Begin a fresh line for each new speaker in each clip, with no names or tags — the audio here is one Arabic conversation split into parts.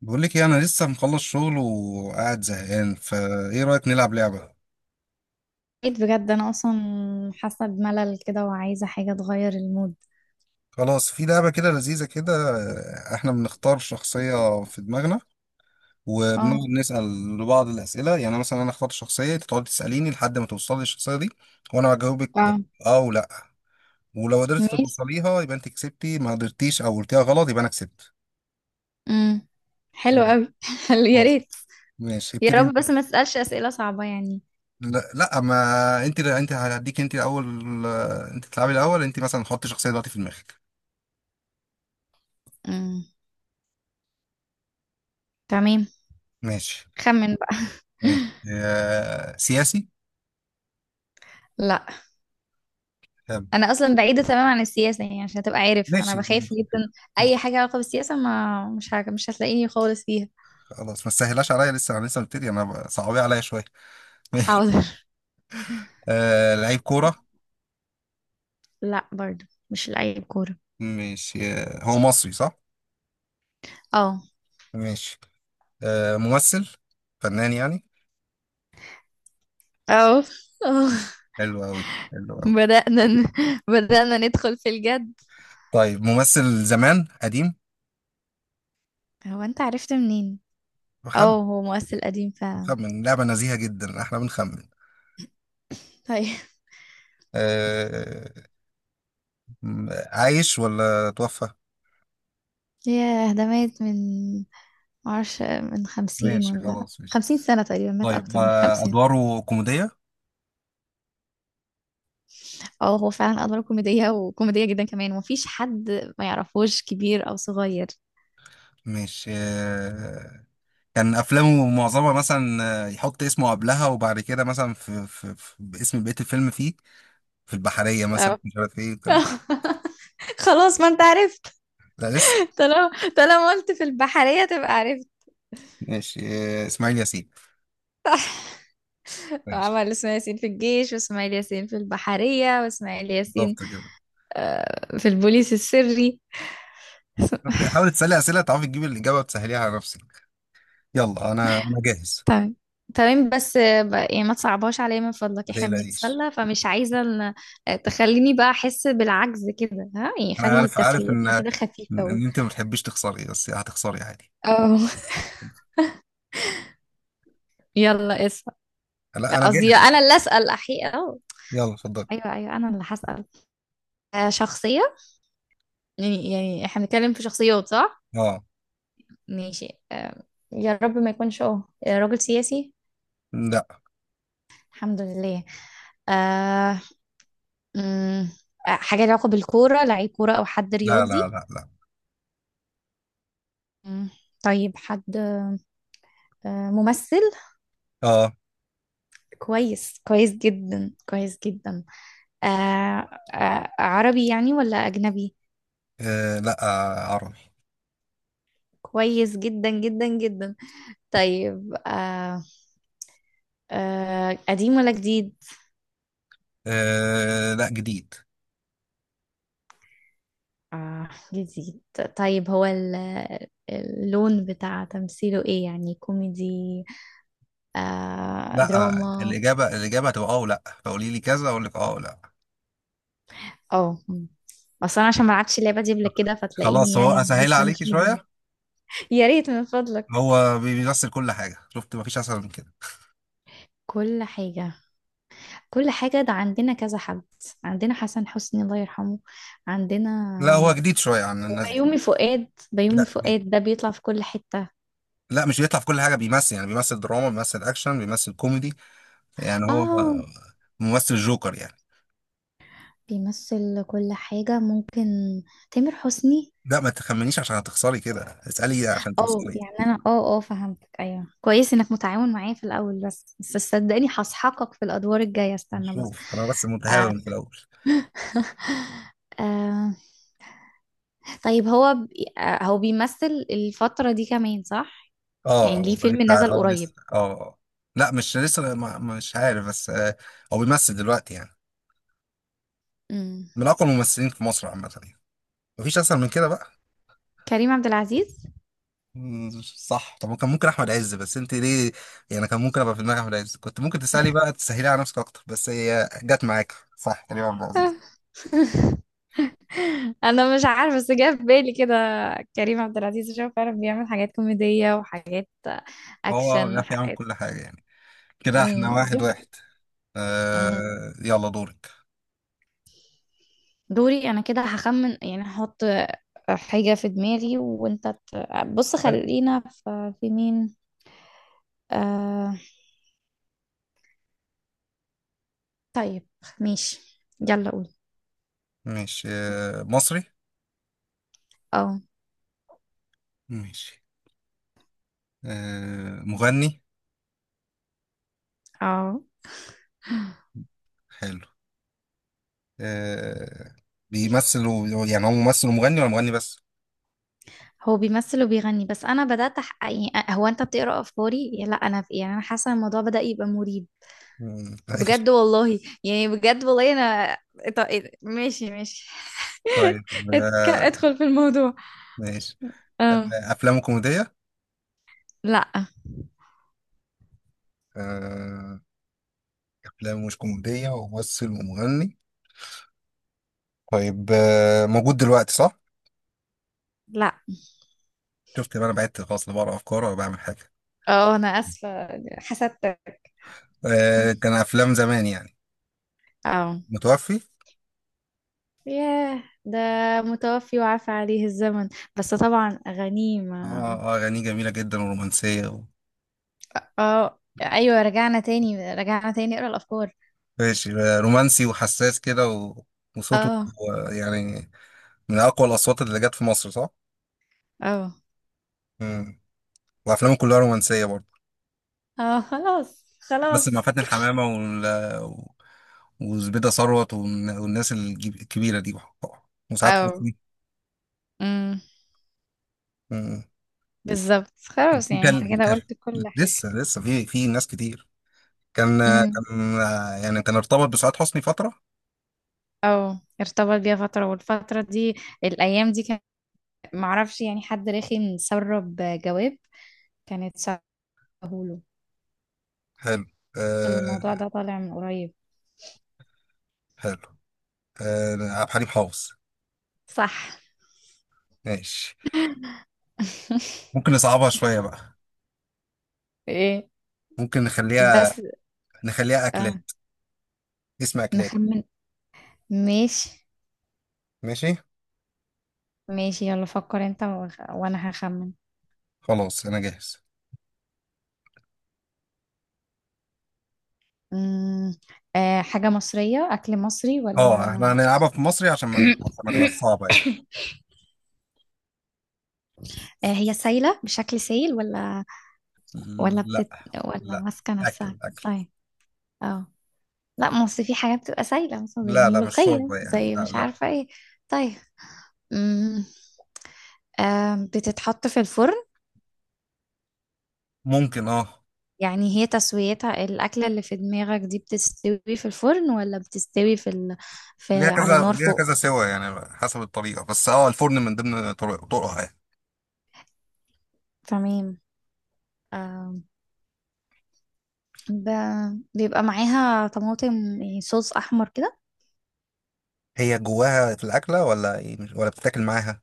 بقول لك ايه، انا لسه مخلص شغل وقاعد زهقان، فايه رايك نلعب لعبه؟
بقيت بجد انا اصلا، حاسه بملل كده وعايزه حاجه تغير المود.
خلاص، في لعبه كده لذيذه كده. احنا بنختار شخصيه في دماغنا، وبنقعد
اه
نسال لبعض الاسئله، يعني مثلا انا اختار شخصيه، انت تقعد تساليني لحد ما توصلي الشخصيه دي. وانا هجاوبك
اه،
اه ولا، ولو قدرت
ماشي،
توصليها يبقى انت كسبتي، ما قدرتيش او قلتيها غلط يبقى انا كسبت.
امم حلو قوي. حلو، يا
خلاص،
ريت.
ماشي،
يا
ابتدي
رب
انت.
بس ما تسالش اسئله صعبه يعني.
لا، لا، ما انت هديك، انت الاول. انت تلعبي الاول، انت مثلا حطي شخصيه دلوقتي في دماغك.
امم تمام.
ماشي،
خمن بقى.
ماشي. سياسي؟
لا،
طب،.
انا اصلا بعيده تماما عن السياسه يعني، عشان تبقى عارف انا
ماشي،
بخاف جدا اي حاجه علاقه بالسياسه. ما مش حاجة، مش هتلاقيني خالص فيها.
خلاص. ما تسهلاش عليا، لسه انا لسه مبتدي، انا صعبيه عليا شويه. ماشي.
حاضر.
لعيب كوره؟
لا، برضو مش لعيب كوره.
ماشي. هو مصري، صح؟
اه.
ماشي. ممثل؟ فنان يعني؟
اه. اه.
حلو قوي! حلو قوي!
بدأنا ن... بدأنا ندخل في الجد.
طيب، ممثل زمان قديم؟
هو انت عرفت منين؟
بخمن.
اه، هو مؤثر قديم فعلا.
بخمن، لعبه نزيهه جدا، احنا بنخمن.
طيب،
آه. عايش ولا توفى؟
ياه ده مات من، معرفش، من 50
ماشي،
ولا،
خلاص، ماشي.
50 سنة تقريبا، مات
طيب.
أكتر من 50.
ادواره كوميديه؟
اه، هو فعلا أدواره كوميدية وكوميدية جدا كمان، ومفيش حد ما يعرفوش كبير أو صغير.
ماشي. كان افلامه معظمها مثلا، يحط اسمه قبلها وبعد كده، مثلا في باسم، بقيه الفيلم فيه في البحريه مثلا،
اه.
مش عارف ايه وكام.
خلاص، ما انت عرفت.
لا، لسه.
طالما طالما قلت في البحرية، تبقى عرفت.
ماشي. اسماعيل ياسين. ماشي.
عمل اسماعيل ياسين في الجيش، واسماعيل ياسين في البحرية، واسماعيل ياسين
بالظبط كده.
في البوليس السري.
حاول تسالي اسئله تعرفي تجيبي الاجابه وتسهليها على نفسك. يلا، انا جاهز.
تمام. تمام بس يعني ما تصعبهاش عليا من فضلك،
ما
احنا
تقلقيش.
بنتسلى، فمش عايزة تخليني بقى احس بالعجز كده، ها يعني
انا
خلي
عارف ان
تسليتنا كده خفيفة
ان انت ما بتحبيش تخسري، بس هتخسري عادي.
اه. يلا اسأل. لا،
لا، انا
قصدي
جاهز.
انا اللي اسأل احقيقة. اه،
يلا، اتفضلي.
ايوه ايوه، انا اللي هسأل. شخصية، يعني يعني احنا بنتكلم في شخصيات، صح؟
اه.
ماشي. يا رب ما يكونش راجل سياسي.
لا،
الحمد لله. آه، مم، حاجة لها علاقة بالكورة، لعيب كورة أو حد
لا، لا،
رياضي.
لا. لا،
مم، طيب، حد ممثل.
اه.
كويس، كويس جدا، كويس جدا. آه، عربي يعني ولا أجنبي؟
لا. عربي.
كويس جدا جدا جدا. طيب. قديم ولا جديد؟
لا، جديد.
جديد. طيب، هو اللون بتاع تمثيله ايه، يعني كوميدي،
لا.
دراما؟
الاجابه هتبقى اه ولا، فقولي لي كذا اقول لك اه ولا.
اه، مم. اصلا أنا عشان ما لعبتش اللعبة دي قبل كده، فتلاقيني
خلاص، هو
يعني
اسهل
لسه
عليكي
مش مجمع.
شويه.
يا ريت من فضلك.
هو بيمثل كل حاجه، شفت، مفيش اسهل من كده.
كل حاجة، كل حاجة؟ ده عندنا كذا حد، عندنا حسن حسني الله يرحمه،
لا، هو
عندنا
جديد شويه عن الناس دي.
بيومي فؤاد، بيومي
لا، جديد.
فؤاد ده بيطلع في كل حتة.
لا، مش بيطلع في كل حاجه، بيمثل يعني، بيمثل دراما، بيمثل اكشن، بيمثل كوميدي. يعني هو
اه،
ممثل جوكر يعني.
بيمثل كل حاجة ممكن. تامر حسني؟
لا، ما تخمنيش عشان هتخسري كده. اسالي عشان
اه،
تخسري.
يعني انا فهمتك، ايوه، كويس انك متعاون معايا في الاول، بس بس صدقني هسحقك في الادوار الجاية، استنى بس.
نشوف، انا بس متهاون في الاول.
آه. طيب، هو بي... آه، هو بيمثل الفترة دي كمان، صح؟ يعني ليه
اه لسه
فيلم نزل
اه لسه
قريب.
اه آه. لا، مش لسه، مش عارف، بس هو بيمثل دلوقتي يعني،
امم
من اقوى الممثلين في مصر عامه يعني. مفيش اسهل من كده بقى.
كريم عبد العزيز.
صح. طب، كان ممكن احمد عز، بس انت ليه؟ يعني كان ممكن ابقى في دماغي احمد عز، كنت ممكن تسالي بقى تسهلي على نفسك اكتر، بس هي جت معاك، صح، كريم عبد العزيز.
انا مش عارفه، بس جه في بالي كده. كريم عبد العزيز عشان هو فعلا بيعمل حاجات كوميديه وحاجات
هو
اكشن
بيعرف يعمل
وحاجات.
كل حاجه يعني. كده احنا واحد
جوك.
واحد.
مم.
يلا، دورك.
دوري انا، كده هخمن يعني، هحط حاجه في دماغي وانت بص،
حلو.
خلينا في, مين. آه... طيب، ماشي، يلا قول.
ماشي. مصري؟
اه.
ماشي. مغني؟
اه.
حلو. آه. بيمثل يعني، هو ممثل ومغني ولا مغني بس؟
هو بيمثل وبيغني، بس انا بدات يعني هو انت بتقرا افكاري؟ لا انا يعني، انا حاسه الموضوع بدا يبقى مريب.
ماشي.
بجد والله يعني، بجد والله انا. طب إيه ده؟ ماشي ماشي.
طيب. آه
ادخل في الموضوع.
ماشي.
اه.
افلام كوميديه؟
لا
آه، افلام مش كوميديه، وممثل ومغني. طيب. موجود دلوقتي، صح؟
لا.
شفت بقى، انا بعدت خلاص، لا بقرا افكار ولا بعمل حاجه.
اه، انا اسفة حسدتك.
كان افلام زمان يعني.
اه.
متوفي.
ياه، ده متوفي وعفى عليه الزمن. بس طبعا
اه.
غنيمة.
اه، اغانيه جميله جدا ورومانسيه.
اه، ايوه، رجعنا تاني، رجعنا تاني اقرا الافكار.
ماشي. رومانسي وحساس كده. وصوته
اه.
يعني من اقوى الاصوات اللي جت في مصر، صح؟
اه.
مم. وافلامه كلها رومانسيه برضه،
اه. خلاص
بس مع
خلاص.
فاتن حمامه وزبيده ثروت والناس الكبيره دي، وساعات
اه.
حكم.
امم
مم.
بالظبط
كان
خلاص،
في
يعني انت
كان
كده
كان
قلت كل حاجة.
لسه في ناس كتير. كان كان يعني كان ارتبط بسعاد حسني فترة.
اه، ارتبط بيها فترة، والفترة دي، الأيام دي، كان معرفش يعني حد رخم سرب جواب. كانت سهوله.
حلو. أه
الموضوع ده طالع من قريب.
حلو. عبد الحليم حافظ!
صح.
ماشي. ممكن نصعبها شوية بقى.
ايه
ممكن نخليها،
بس؟
نخليها
آه.
أكلات. اسم أكلات.
نخمن. ماشي.
ماشي.
ماشي، يلا فكر انت وانا هخمن.
خلاص، أنا جاهز.
مم. آه، حاجة مصرية؟ أكل مصري
اه،
ولا؟
احنا هنلعبها في مصري عشان ما تبقاش صعبة يعني.
آه، هي سايلة بشكل سايل، ولا
لا،
بتت... ولا
لا.
ماسكة نفسها؟
أكل أكل.
طيب. اه، لا، ما اصل في حاجات بتبقى سايلة، مثلا زي
لا، لا، مش
الملوخية
شوربة يعني،
زي
لا،
مش
لا.
عارفة ايه. طيب. أمم، آم، بتتحط في الفرن؟
ممكن، اه.
يعني هي تسويتها، الأكلة اللي في دماغك دي، بتستوي في الفرن ولا بتستوي في،
ليها
في على
كذا،
نار
ليها
فوق؟
كذا سوا يعني، حسب الطريقة، بس اه الفرن من ضمن طرقها يعني.
تمام. آم، ب... بيبقى معاها طماطم يعني، صوص أحمر كده؟
هي جواها في الأكلة ولا ايه، ولا بتتاكل معاها؟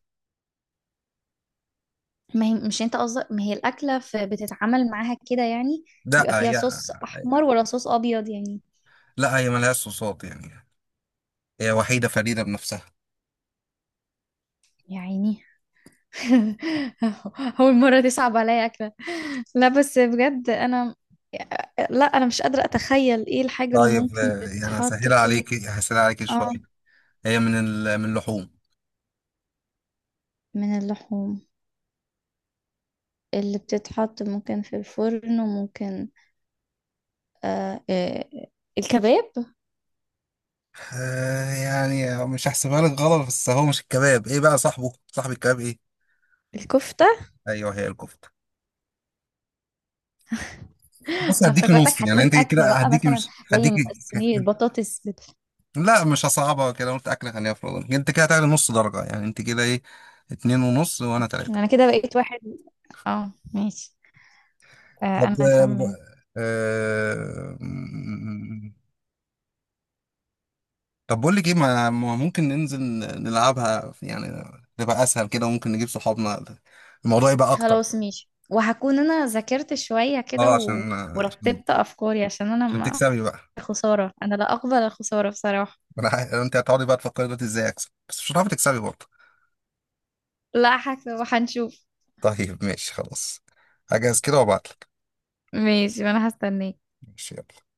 ما هي مش انت قصدك، ما هي الأكلة بتتعامل معاها كده يعني،
لا،
بيبقى فيها
هي.
صوص أحمر ولا صوص أبيض يعني؟
لا، هي ملهاش صوصات يعني. هي وحيدة فريدة بنفسها.
يعني أول مرة دي صعبة عليا أكله. لا بس بجد أنا، لا أنا مش قادرة أتخيل إيه الحاجة اللي
طيب.
ممكن
يعني
تتحط
هسهلها
كده.
عليك، هسهلها عليك شوية.
آه.
هي من اللحوم.
من اللحوم؟ اللي بتتحط ممكن في الفرن وممكن، آه آه، الكباب،
يعني مش هحسبها لك غلط، بس هو مش الكباب، ايه بقى صاحبه، صاحب الكباب ايه؟
الكفتة.
ايوه، هي الكفتة. بص،
انا
هديك
افتكرتك
نص يعني،
هتقول
انت
اكله
كده
بقى
هديك
مثلا،
مش
زي
هديك.
صينيه بطاطس
لا، مش هصعبها كده، قلت اكل، خليها في رمضان، انت كده هتعلي نص درجة، يعني انت كده ايه، اتنين ونص وانا تلاتة.
أنا كده بقيت واحد. آه، ماشي. آه، أنا
طب.
هخمن.
آه... م- طب، بقول لك ايه، ما ممكن ننزل نلعبها يعني، تبقى اسهل كده، وممكن نجيب صحابنا، الموضوع يبقى اكتر.
خلاص ماشي، وهكون انا ذاكرت شوية كده
اه، عشان عشان,
ورتبت افكاري عشان انا
عشان
ما.
تكسبي بقى.
خسارة، انا لا اقبل الخسارة بصراحة.
انت هتقعدي بقى تفكري دلوقتي ازاي اكسب، بس مش هتعرفي تكسبي برضه.
لا حك... وهنشوف.
طيب، ماشي، خلاص. هجهز كده وابعتلك.
ماشي، وانا هستناك.
ماشي، يلا.